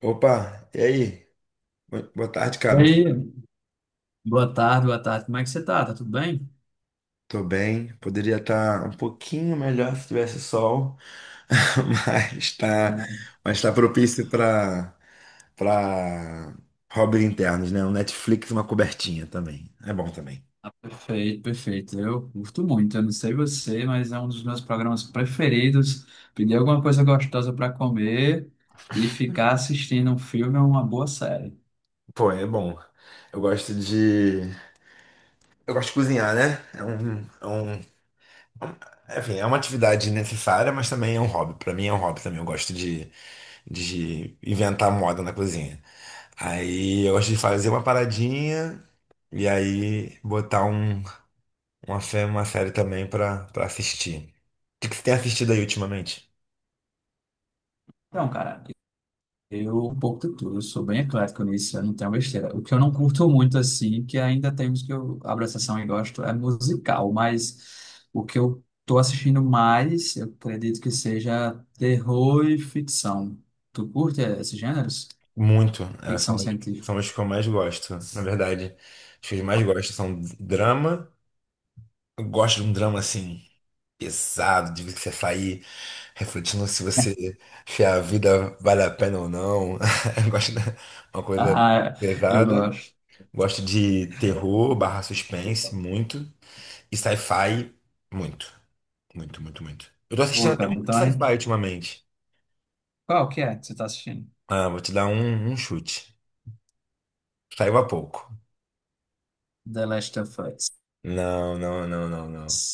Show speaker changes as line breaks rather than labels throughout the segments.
Opa, e aí? Boa tarde,
E
cara.
aí, boa tarde, boa tarde. Como é que você tá? Tá tudo bem?
Tô bem. Poderia estar um pouquinho melhor se tivesse sol, mas tá,
É,
mas tá propício para hobbies internos, né? Um Netflix, e uma cobertinha também. É bom também.
ah, perfeito, perfeito. Eu curto muito. Eu não sei você, mas é um dos meus programas preferidos. Pedir alguma coisa gostosa para comer e ficar assistindo um filme ou uma boa série.
Pô, é bom. Eu gosto de eu gosto de cozinhar, né? Um enfim, é uma atividade necessária, mas também é um hobby. Pra mim é um hobby também. Eu gosto de inventar moda na cozinha. Aí eu gosto de fazer uma paradinha e aí botar uma série também pra assistir. O que que você tem assistido aí ultimamente?
Então, cara, Eu um pouco de tudo, eu sou bem eclético nisso, eu não tenho besteira. O que eu não curto muito, assim, que ainda temos que eu abro a sessão e gosto, é musical, mas o que eu tô assistindo mais, eu acredito que seja terror e ficção. Tu curte esses gêneros?
Muito. É,
Ficção
são, os-
científica.
são os que eu mais gosto, na verdade. Os que eu mais gosto são drama. Eu gosto de um drama assim, pesado, de você sair refletindo se você, se a vida vale a pena ou não. Eu gosto de uma coisa
Ah, eu
pesada.
gosto.
Gosto de terror barra suspense, muito. E sci-fi, muito. Muito, muito, muito. Eu tô assistindo
Pô,
até um
cara,
de
então,
sci-fi
hein?
ultimamente.
Qual que é que você tá assistindo?
Ah, vou te dar um chute. Saiu há pouco.
The Last of Us.
Não, não, não, não, não.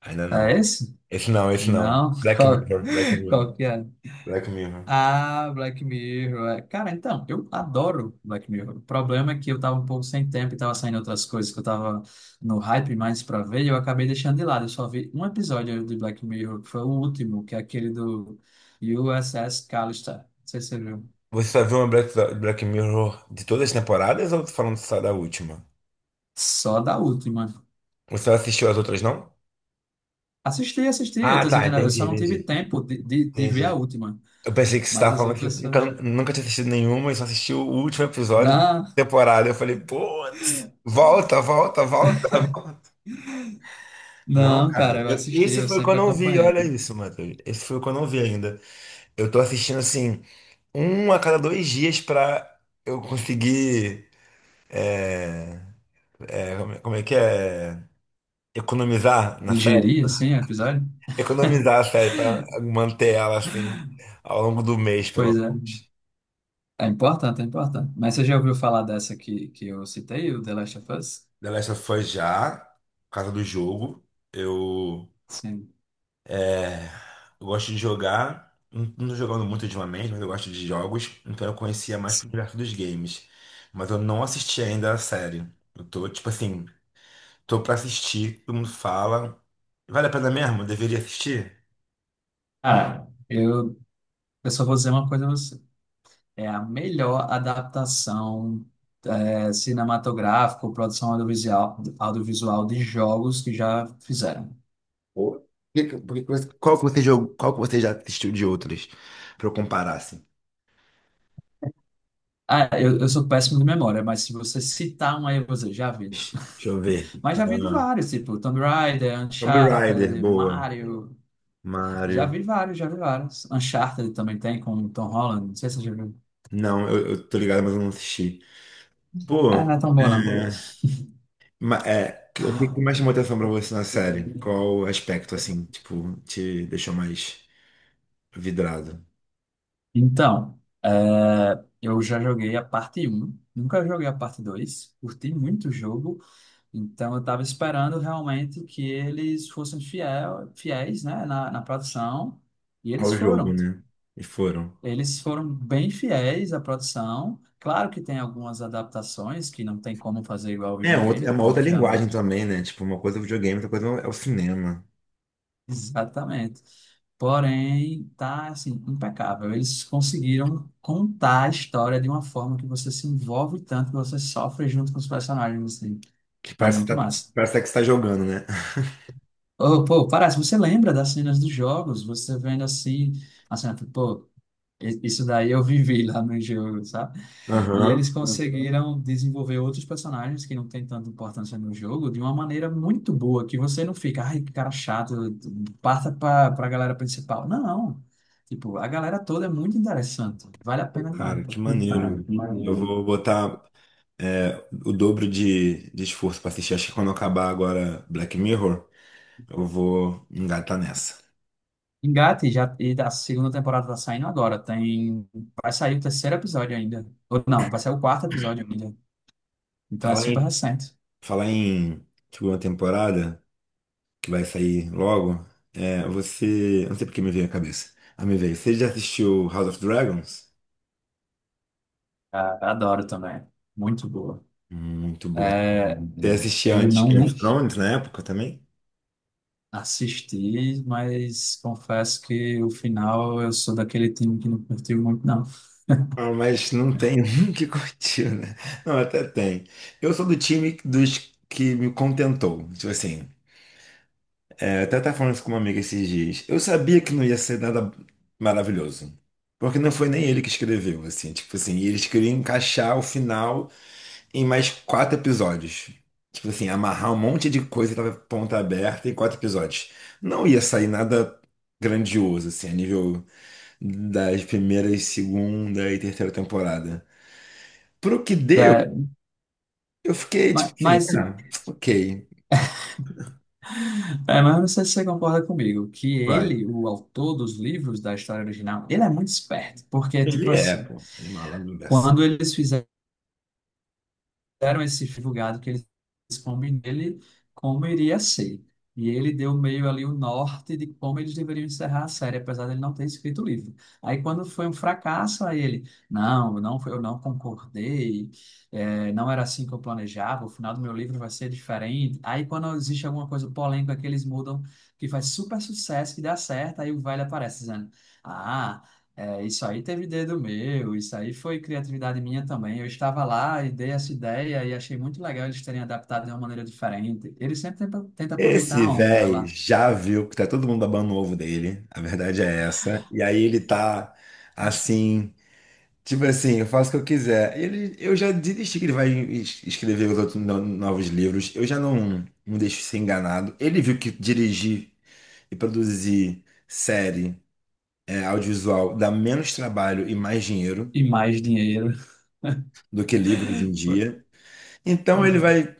Ainda
É
não.
esse?
Esse não, esse não.
Não?
Black
Qual,
Mirror, Black Mirror,
qual que é?
Black Mirror.
Ah, Black Mirror. É. Cara, então, eu adoro Black Mirror. O problema é que eu tava um pouco sem tempo e tava saindo outras coisas que eu tava no hype mais pra ver e eu acabei deixando de lado. Eu só vi um episódio de Black Mirror, que foi o último, que é aquele do USS Callister. Não sei se você viu.
Você só viu uma Black Mirror de todas as temporadas ou falando só da última?
Só da última.
Você não assistiu as outras, não?
Assisti, assisti. Eu
Ah,
tô
tá,
dizendo, eu
entendi,
só não tive
entendi.
tempo de ver a
Entendi.
última.
Eu pensei que você
Mas
estava
as
falando que
outras. Eu
nunca,
achei.
nunca tinha assistido nenhuma e só assistiu o último episódio da
Não,
temporada. Eu falei, putz, volta, volta, volta, volta. Não,
não,
cara,
cara, eu assisti,
esse
eu
foi
sempre
quando eu não vi, olha
acompanhei.
isso, Matheus. Esse foi quando eu não vi ainda. Eu tô assistindo, assim, um a cada 2 dias pra eu conseguir. é, como é que é? Economizar na série?
Digerir, assim, o episódio?
Economizar a série pra manter ela, assim, ao longo do mês, pelo
Pois é.
menos.
É importante, é importante. Mas você já ouviu falar dessa que eu citei, o The Last of Us?
The Last of Us já, por causa do jogo. Eu,
Sim.
é, eu gosto de jogar, não tô jogando muito ultimamente, mas eu gosto de jogos, então eu conhecia mais pro
Sim.
universo dos games. Mas eu não assisti ainda a série. Eu tô, tipo assim, tô pra assistir, todo mundo fala. Vale a pena mesmo? Eu deveria assistir?
Cara, eu só vou dizer uma coisa a você. É a melhor adaptação é, cinematográfica, produção audiovisual, audiovisual de jogos que já fizeram.
Ou- Qual que você jogou, qual que você já assistiu de outros? Pra eu comparar, assim.
Ah, eu sou péssimo de memória, mas se você citar um aí, você já vi.
Deixa eu ver.
Mas já vi de
Ah,
vários, tipo Tomb Raider,
Tomb Raider,
Uncharted,
boa.
Mario, Já
Mario.
vi vários, já vi vários. Uncharted também tem com o Tom Holland. Não sei se você já viu.
Não, eu tô ligado, mas eu não assisti.
Ah, não
Pô,
é tão bom, não.
é, ma- é, que- o que que mais chamou atenção pra você na série? Qual aspecto, assim, tipo, te deixou mais vidrado?
Então, é, eu já joguei a parte um nunca joguei a parte 2, curti muito o jogo, então eu estava esperando realmente que eles fossem fiel, fiéis, né, na produção, e eles
Ao jogo,
foram.
né? E foram.
Eles foram bem fiéis à produção. Claro que tem algumas adaptações que não tem como fazer igual ao
É, é
videogame,
uma outra linguagem
obviamente,
também, né? Tipo, uma coisa é o videogame, outra coisa é o cinema.
Exatamente. Porém, tá assim, impecável. Eles conseguiram contar a história de uma forma que você se envolve tanto que você sofre junto com os personagens, assim.
Que
Tá
parece que
muito
tá,
massa.
parece que você tá jogando, né?
Ô, pô, parece, você lembra das cenas dos jogos? Você vendo assim, a cena, tipo, pô, i- isso daí eu vivi lá no jogo, sabe? E
Aham.
eles conseguiram desenvolver outros personagens que não têm tanta importância no jogo de uma maneira muito boa, que você não fica, ai, que cara chato, passa para a galera principal. Não. Tipo, a galera toda é muito interessante. Vale a
Pô,
pena demais,
cara,
pô.
que
Cara,
maneiro.
que
Eu
maneiro.
vou botar é, o dobro de esforço pra assistir. Acho que quando acabar agora Black Mirror. Eu vou engatar nessa.
Engate já, e a segunda temporada tá saindo agora. Tem, vai sair o terceiro episódio ainda. Ou não, vai sair o quarto episódio ainda. Então é
Falar
super
em,
recente.
falar em segunda temporada, que vai sair logo, é, você. Eu não sei porque me veio a cabeça. Ah, me veio. Você já assistiu House of Dragons?
Ah, adoro também. Muito boa.
Muito boa.
É,
Você assistia
eu
antes
não,
Game
não
of Thrones na época também?
Assisti, mas confesso que o final eu sou daquele time que não curtiu muito, não.
Ah, mas não tem um que curtiu, né? Não, até tem. Eu sou do time dos que me contentou. Tipo assim, eu até estava falando isso com uma amiga esses dias. Eu sabia que não ia ser nada maravilhoso. Porque não foi nem ele que escreveu, assim. Tipo assim, e eles queriam encaixar o final em mais quatro episódios. Tipo assim, amarrar um monte de coisa que tava ponta aberta em quatro episódios. Não ia sair nada grandioso, assim, a nível das primeiras, segunda e terceira temporada. Pro que deu,
É,
eu fiquei tipo
ma-
assim,
mas, se-
ah, ok,
é, mas não sei se você concorda comigo, que
vai.
ele, o autor dos livros da história original, ele é muito esperto, porque é tipo
Ele é,
assim,
pô. Ele é malandro.
quando eles fizeram deram esse divulgado que eles combem nele, como iria ser. E ele deu meio ali o norte de como eles deveriam encerrar a série, apesar dele não ter escrito o livro. Aí quando foi um fracasso, aí ele, não, não, foi- eu não concordei, não era assim que eu planejava, o final do meu livro vai ser diferente. Aí quando existe alguma coisa polêmica que eles mudam, que faz super sucesso, que dá certo, aí o velho aparece dizendo, ah, é, isso aí teve dedo meu, isso aí foi criatividade minha também. Eu estava lá e dei essa ideia e achei muito legal eles terem adaptado de uma maneira diferente. Eles sempre tentam tenta aproveitar
Esse
a onda
velho
lá.
já viu que tá todo mundo babando o ovo dele. A verdade é essa. E aí ele tá assim, tipo assim, eu faço o que eu quiser. Ele, eu já desisti que ele vai escrever os outros novos livros. Eu já não deixo ser enganado. Ele viu que dirigir e produzir série, audiovisual dá menos trabalho e mais dinheiro
E mais dinheiro.
do que livro hoje em dia. Então
Pois
ele
é.
vai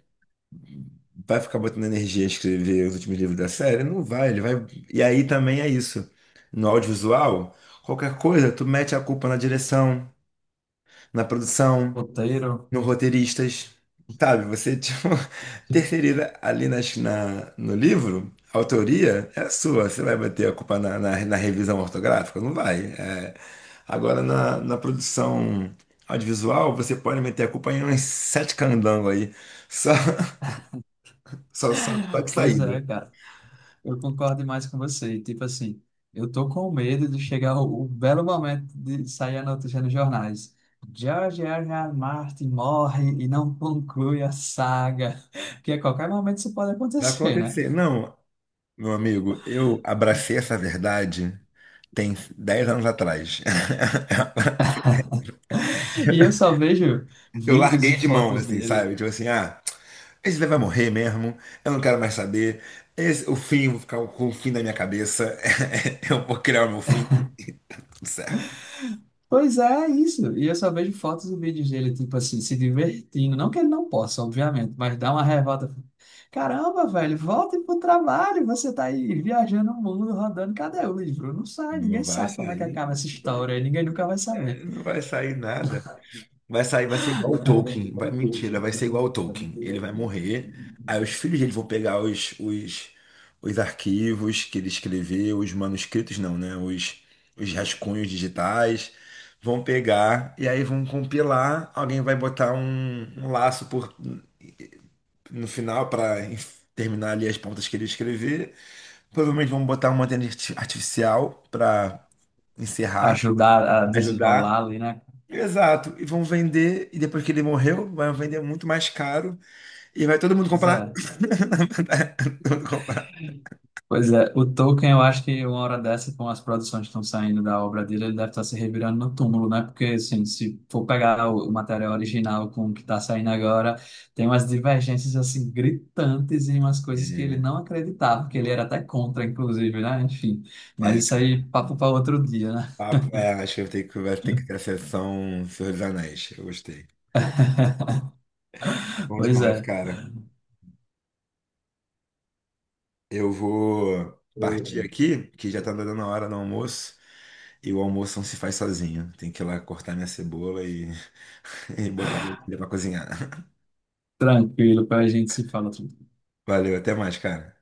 Vai ficar botando energia a escrever os últimos livros da série? Não vai, ele vai. E aí também é isso. No audiovisual, qualquer coisa, tu mete a culpa na direção, na produção,
Roteiro.
no roteiristas. Sabe? Você, tipo, terceiriza ali no livro, a autoria é sua. Você vai bater a culpa na revisão ortográfica? Não vai. É. Agora, na produção audiovisual, você pode meter a culpa em uns sete candangos aí. Só, só, só, só de
Pois é,
saída.
cara. Eu concordo demais com você. Tipo assim, eu tô com medo de chegar o belo momento de sair a notícia nos jornais. George R. R. Martin morre e não conclui a saga. Porque a qualquer momento isso pode
Vai
acontecer, né?
acontecer. Não, meu amigo, eu abracei essa verdade tem 10 anos atrás.
E eu só vejo
Eu
vídeos
larguei
e
de mão,
fotos
assim,
dele.
sabe? Tipo assim, ah, esse daí vai morrer mesmo, eu não quero mais saber. Esse, o fim, vou ficar com o fim da minha cabeça. Eu vou criar o meu fim, tudo certo.
Pois é, isso. E eu só vejo fotos e vídeos dele, tipo assim, se divertindo. Não que ele não possa, obviamente, mas dá uma revolta. Caramba, velho, volte pro trabalho. Você tá aí viajando o mundo, rodando. Cadê o livro? Não sai, ninguém
Não vai
sabe como é que
sair,
acaba essa
não vai
história. Ninguém nunca vai saber.
não vai sair nada. Vai sair, vai ser igual o Tolkien. Vai, mentira, vai ser igual o Tolkien. Ele vai morrer. Aí os filhos dele vão pegar os arquivos que ele escreveu, os manuscritos não, né? Os rascunhos digitais. Vão pegar e aí vão compilar. Alguém vai botar um laço por, no final para terminar ali as pontas que ele escrever. Provavelmente vão botar uma inteligência artificial para encerrar,
Ajudar a desenrolar
ajudar.
ali, né?
Exato. E vão vender, e depois que ele morreu, vai vender muito mais caro e vai todo mundo
Pois
comprar.
é.
Todo mundo comprar.
Pois é, o Tolkien, eu acho que uma hora dessa, com as produções que estão saindo da obra dele, ele deve estar se revirando no túmulo, né? Porque, assim, se for pegar o material original com o que está saindo agora, tem umas divergências, assim, gritantes e umas coisas que ele
É,
não acreditava, que ele era até contra, inclusive, né? Enfim, mas isso aí,
cara.
papo para outro dia, né?
Acho que vai ter que ter a sessão Senhor dos Anéis. Eu gostei. Bom
Pois
demais,
é,
cara. Eu vou partir aqui, que já tá dando a hora do almoço. E o almoço não se faz sozinho. Tem que ir lá cortar minha cebola e, e botar ele pra cozinhar.
tranquilo, para a gente se fala outro
Valeu, até mais, cara.